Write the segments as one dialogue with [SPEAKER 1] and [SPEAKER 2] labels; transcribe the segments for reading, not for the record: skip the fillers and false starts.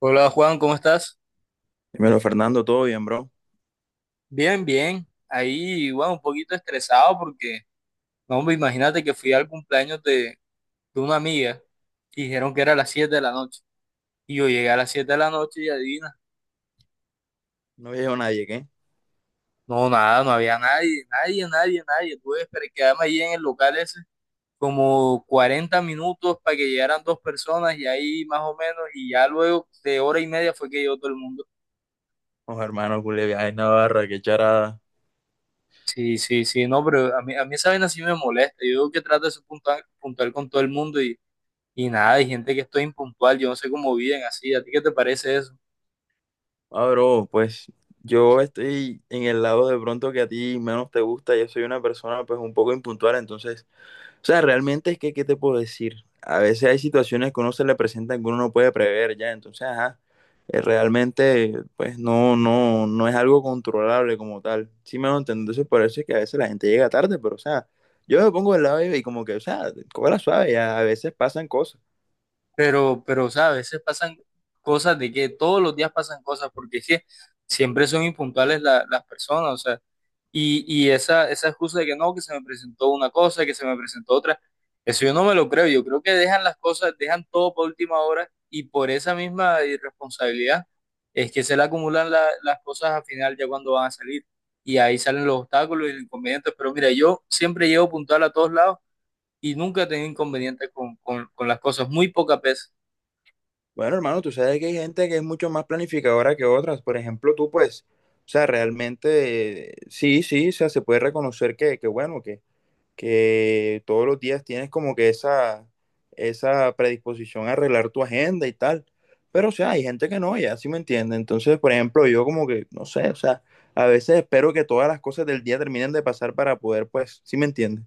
[SPEAKER 1] Hola Juan, ¿cómo estás?
[SPEAKER 2] Dímelo, Fernando, ¿todo bien, bro?
[SPEAKER 1] Bien, bien. Ahí, bueno, un poquito estresado porque, no, hombre, imagínate que fui al cumpleaños de una amiga y dijeron que era a las 7 de la noche. Y yo llegué a las 7 de la noche y adivina,
[SPEAKER 2] No veo a nadie, ¿qué?
[SPEAKER 1] no, nada, no había nadie, nadie, nadie, nadie. Tuve que quedarme ahí en el local ese como 40 minutos para que llegaran dos personas y ahí más o menos, y ya luego de hora y media fue que llegó todo el mundo.
[SPEAKER 2] Oh, hermano, culé, ay, Navarra, qué charada.
[SPEAKER 1] Sí, sí, sí, no, pero a mí esa vaina sí me molesta. Yo que trato de ser puntual, puntual con todo el mundo. Y nada, hay gente que estoy impuntual, yo no sé cómo viven así. ¿A ti qué te parece eso?
[SPEAKER 2] Ah, bro, pues yo estoy en el lado de pronto que a ti menos te gusta. Yo soy una persona, pues, un poco impuntual, entonces. O sea, realmente es que, ¿qué te puedo decir? A veces hay situaciones que uno se le presentan que uno no puede prever ya, entonces, ajá, realmente, pues no, no, no es algo controlable como tal. Sí me lo entiendo, entonces por eso es que a veces la gente llega tarde, pero, o sea, yo me pongo del lado y como que, o sea, la suave, ya, a veces pasan cosas.
[SPEAKER 1] Pero, ¿sabes? A veces pasan cosas de que todos los días pasan cosas, porque es que siempre son impuntuales las personas, o sea, y esa excusa de que no, que se me presentó una cosa, que se me presentó otra, eso yo no me lo creo, yo creo que dejan las cosas, dejan todo por última hora y por esa misma irresponsabilidad es que se le acumulan las cosas al final ya cuando van a salir y ahí salen los obstáculos y los inconvenientes, pero mira, yo siempre llego puntual a todos lados y nunca he tenido inconvenientes con las cosas, muy pocas veces.
[SPEAKER 2] Bueno, hermano, tú sabes que hay gente que es mucho más planificadora que otras, por ejemplo, tú, pues, o sea, realmente, sí, sí, o sea, se puede reconocer que bueno, que todos los días tienes como que esa predisposición a arreglar tu agenda y tal. Pero, o sea, hay gente que no, ya sí me entiende. Entonces, por ejemplo, yo como que, no sé, o sea, a veces espero que todas las cosas del día terminen de pasar para poder, pues, sí me entiende.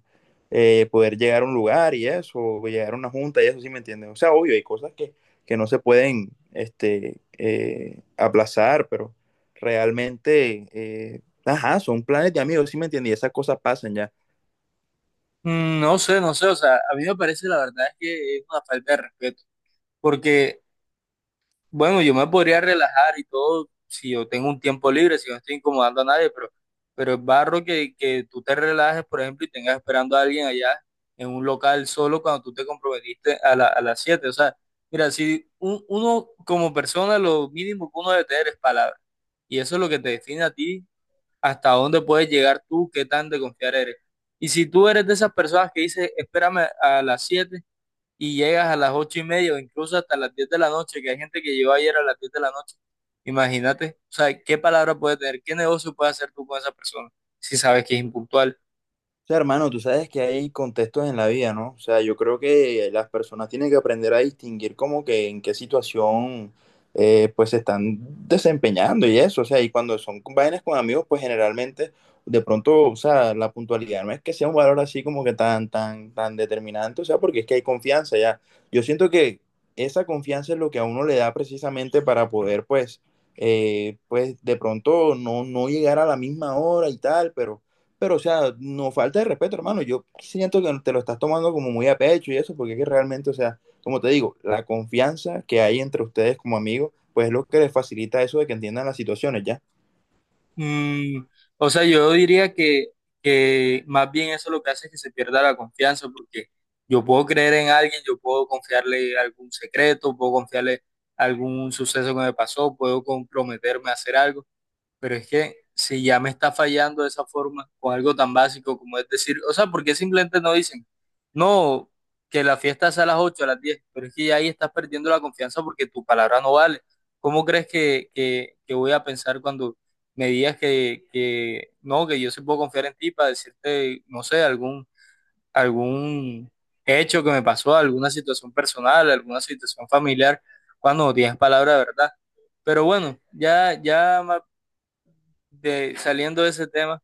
[SPEAKER 2] Poder llegar a un lugar y eso, o llegar a una junta y eso, sí me entiende. O sea, obvio, hay cosas que no se pueden, este, aplazar, pero realmente, ajá, son planes de amigos, sí me entiende, y esas cosas pasan ya.
[SPEAKER 1] No sé, no sé, o sea, a mí me parece la verdad es que es una falta de respeto, porque, bueno, yo me podría relajar y todo si yo tengo un tiempo libre, si no estoy incomodando a nadie, pero, es barro que tú te relajes, por ejemplo, y tengas esperando a alguien allá en un local solo cuando tú te comprometiste a a las 7. O sea, mira, si uno como persona lo mínimo que uno debe tener es palabra, y eso es lo que te define a ti, hasta dónde puedes llegar tú, qué tan de confiar eres. Y si tú eres de esas personas que dices, espérame a las 7 y llegas a las 8 y media o incluso hasta las 10 de la noche, que hay gente que llegó ayer a las 10 de la noche, imagínate, o sea, qué palabra puede tener, qué negocio puede hacer tú con esa persona si sabes que es impuntual.
[SPEAKER 2] O sea, hermano, tú sabes que hay contextos en la vida, ¿no? O sea, yo creo que las personas tienen que aprender a distinguir como que en qué situación pues se están desempeñando y eso. O sea, y cuando son vainas con amigos, pues generalmente de pronto, o sea, la puntualidad no es que sea un valor así como que tan, tan, tan determinante, o sea, porque es que hay confianza ya. Yo siento que esa confianza es lo que a uno le da precisamente para poder, pues, pues de pronto no llegar a la misma hora y tal, pero, o sea, no falta de respeto, hermano. Yo siento que te lo estás tomando como muy a pecho y eso, porque es que realmente, o sea, como te digo, la confianza que hay entre ustedes como amigos, pues es lo que les facilita eso de que entiendan las situaciones, ¿ya?
[SPEAKER 1] Mm, o sea, yo diría que más bien eso lo que hace es que se pierda la confianza, porque yo puedo creer en alguien, yo puedo confiarle algún secreto, puedo confiarle algún suceso que me pasó, puedo comprometerme a hacer algo. Pero es que si ya me está fallando de esa forma con algo tan básico como es decir, o sea, ¿por qué simplemente no dicen, no, que la fiesta sea a las 8, a las 10? Pero es que ya ahí estás perdiendo la confianza porque tu palabra no vale. ¿Cómo crees que voy a pensar cuando me digas que no, que yo sí puedo confiar en ti para decirte, no sé, algún hecho que me pasó, alguna situación personal, alguna situación familiar, cuando no tienes palabra de verdad? Pero bueno, ya, ya más saliendo de ese tema,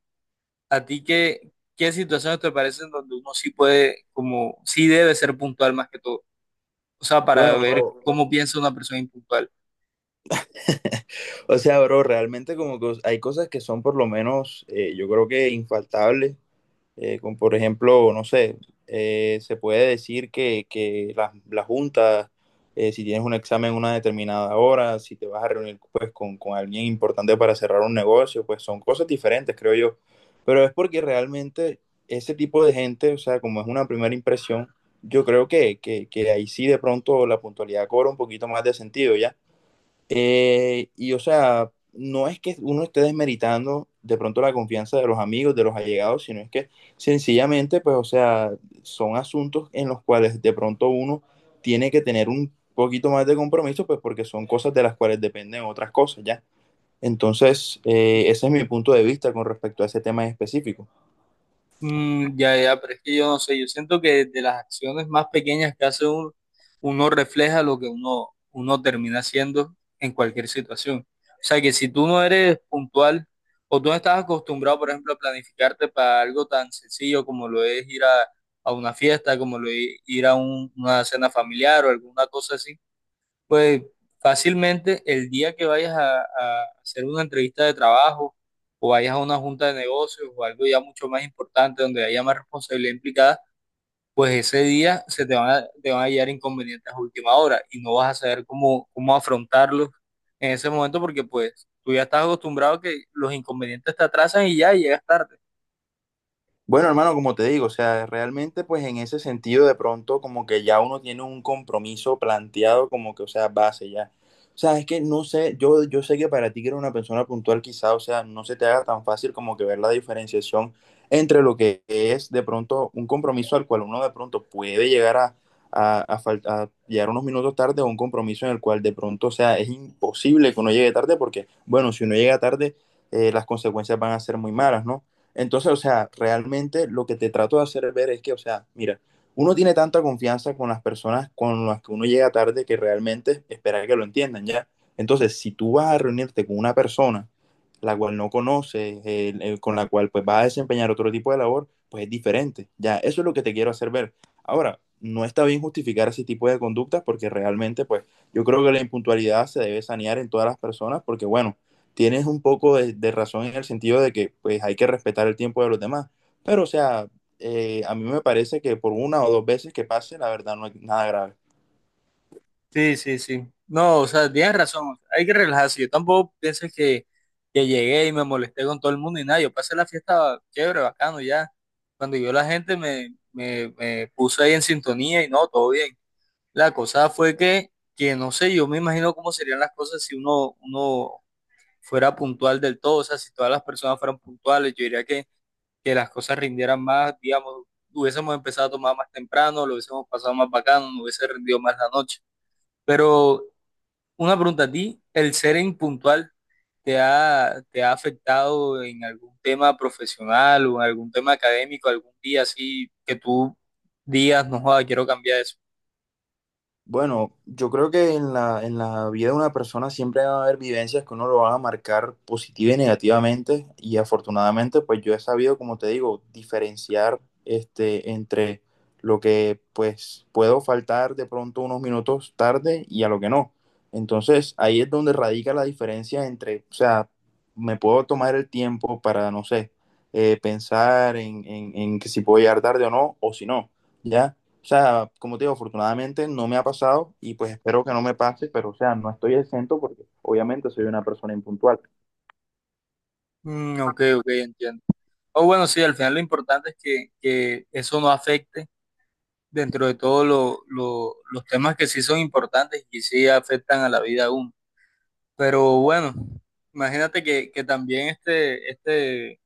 [SPEAKER 1] ¿a ti qué situaciones te parecen donde uno sí puede, como, sí debe ser puntual más que todo? O sea, para
[SPEAKER 2] Bueno,
[SPEAKER 1] ver
[SPEAKER 2] bro,
[SPEAKER 1] cómo piensa una persona impuntual.
[SPEAKER 2] o sea, bro, realmente como que hay cosas que son por lo menos, yo creo que infaltables con, por ejemplo, no sé, se puede decir que las juntas, si tienes un examen en una determinada hora, si te vas a reunir pues, con alguien importante para cerrar un negocio, pues son cosas diferentes, creo yo. Pero es porque realmente ese tipo de gente, o sea, como es una primera impresión, yo creo que ahí sí de pronto la puntualidad cobra un poquito más de sentido, ¿ya? Y o sea, no es que uno esté desmeritando de pronto la confianza de los amigos, de los allegados, sino es que sencillamente, pues, o sea, son asuntos en los cuales de pronto uno tiene que tener un poquito más de compromiso, pues porque son cosas de las cuales dependen otras cosas, ¿ya? Entonces, ese es mi punto de vista con respecto a ese tema en específico.
[SPEAKER 1] Mm, ya, ya, pero es que yo no sé, yo siento que de las acciones más pequeñas que hace uno, uno refleja lo que uno termina haciendo en cualquier situación. O sea, que si tú no eres puntual o tú no estás acostumbrado, por ejemplo, a planificarte para algo tan sencillo como lo es ir a una fiesta, como lo es ir a una cena familiar o alguna cosa así, pues fácilmente el día que vayas a hacer una entrevista de trabajo o vayas a una junta de negocios o algo ya mucho más importante donde haya más responsabilidad implicada, pues ese día se te van a llegar inconvenientes a última hora y no vas a saber cómo afrontarlos en ese momento porque pues tú ya estás acostumbrado a que los inconvenientes te atrasan y ya llegas tarde.
[SPEAKER 2] Bueno, hermano, como te digo, o sea, realmente pues en ese sentido de pronto como que ya uno tiene un compromiso planteado como que, o sea, base ya. O sea, es que no sé, yo sé que para ti que eres una persona puntual quizá, o sea, no se te haga tan fácil como que ver la diferenciación entre lo que es de pronto un compromiso al cual uno de pronto puede llegar a llegar unos minutos tarde o un compromiso en el cual de pronto, o sea, es imposible que uno llegue tarde porque, bueno, si uno llega tarde, las consecuencias van a ser muy malas, ¿no? Entonces, o sea, realmente lo que te trato de hacer ver es que, o sea, mira, uno tiene tanta confianza con las personas con las que uno llega tarde que realmente espera que lo entiendan, ¿ya? Entonces, si tú vas a reunirte con una persona la cual no conoces, con la cual pues vas a desempeñar otro tipo de labor, pues es diferente, ¿ya? Eso es lo que te quiero hacer ver. Ahora, no está bien justificar ese tipo de conductas porque realmente, pues, yo creo que la impuntualidad se debe sanear en todas las personas porque, bueno, tienes un poco de razón en el sentido de que pues hay que respetar el tiempo de los demás. Pero, o sea, a mí me parece que por una o dos veces que pase, la verdad no es nada grave.
[SPEAKER 1] Sí, sí, sí. No, o sea, tienes razón. Hay que relajarse. Yo tampoco pienses que llegué y me molesté con todo el mundo y nada. Yo pasé la fiesta chévere, bacano ya. Cuando yo la gente me puse ahí en sintonía y no, todo bien. La cosa fue que no sé, yo me imagino cómo serían las cosas si uno fuera puntual del todo. O sea, si todas las personas fueran puntuales, yo diría que las cosas rindieran más, digamos, hubiésemos empezado a tomar más temprano, lo hubiésemos pasado más bacano, no hubiese rendido más la noche. Pero una pregunta a ti, ¿el ser impuntual te ha afectado en algún tema profesional o en algún tema académico, algún día así que tú digas, no joda, quiero cambiar eso?
[SPEAKER 2] Bueno, yo creo que en la vida de una persona siempre va a haber vivencias que uno lo van a marcar positiva y negativamente y afortunadamente pues yo he sabido, como te digo, diferenciar entre lo que pues puedo faltar de pronto unos minutos tarde y a lo que no. Entonces ahí es donde radica la diferencia entre, o sea, me puedo tomar el tiempo para, no sé, pensar en que si puedo llegar tarde o no, o si no, ¿ya? O sea, como te digo, afortunadamente no me ha pasado y pues espero que no me pase, pero o sea, no estoy exento porque obviamente soy una persona impuntual.
[SPEAKER 1] Mm, ok, ok, entiendo. O bueno, sí, al final lo importante es que eso no afecte dentro de todos los temas que sí son importantes y sí afectan a la vida de uno. Pero bueno, imagínate que también este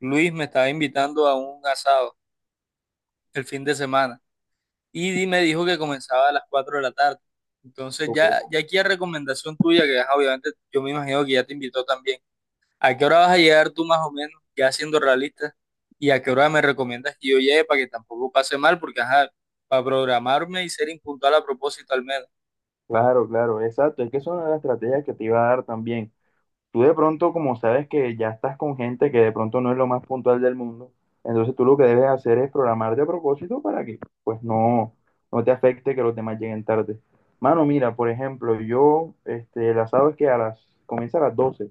[SPEAKER 1] Luis me estaba invitando a un asado el fin de semana. Y me dijo que comenzaba a las 4 de la tarde. Entonces
[SPEAKER 2] Ok.
[SPEAKER 1] ya, ya aquí a recomendación tuya, que ajá, obviamente yo me imagino que ya te invitó también. ¿A qué hora vas a llegar tú más o menos, ya siendo realista? ¿Y a qué hora me recomiendas que yo llegue para que tampoco pase mal? Porque ajá, para programarme y ser impuntual a propósito al menos.
[SPEAKER 2] Claro, claro, exacto. Es que es una de las estrategias que te iba a dar también. Tú de pronto, como sabes que ya estás con gente que de pronto no es lo más puntual del mundo, entonces tú lo que debes hacer es programarte a propósito para que pues no te afecte que los demás lleguen tarde. Mano, mira, por ejemplo, yo, el asado es que comienza a las 12.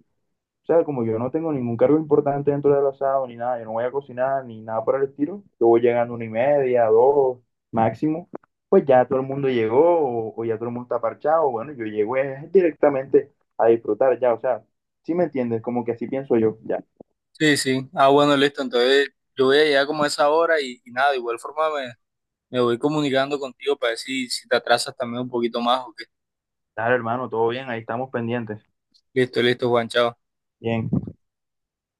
[SPEAKER 2] O sea, como yo no tengo ningún cargo importante dentro del asado ni nada, yo no voy a cocinar ni nada por el estilo, yo voy llegando 1:30, dos, máximo, pues ya todo el mundo llegó o ya todo el mundo está parchado, bueno, yo llego directamente a disfrutar ya, o sea, ¿sí me entiendes? Como que así pienso yo, ya.
[SPEAKER 1] Sí, sí. Ah, bueno, listo. Entonces yo voy a llegar como a esa hora y nada, de igual forma me voy comunicando contigo para ver si te atrasas también un poquito más o qué.
[SPEAKER 2] Claro, hermano, todo bien, ahí estamos pendientes.
[SPEAKER 1] Listo, listo, Juan, chao.
[SPEAKER 2] Bien.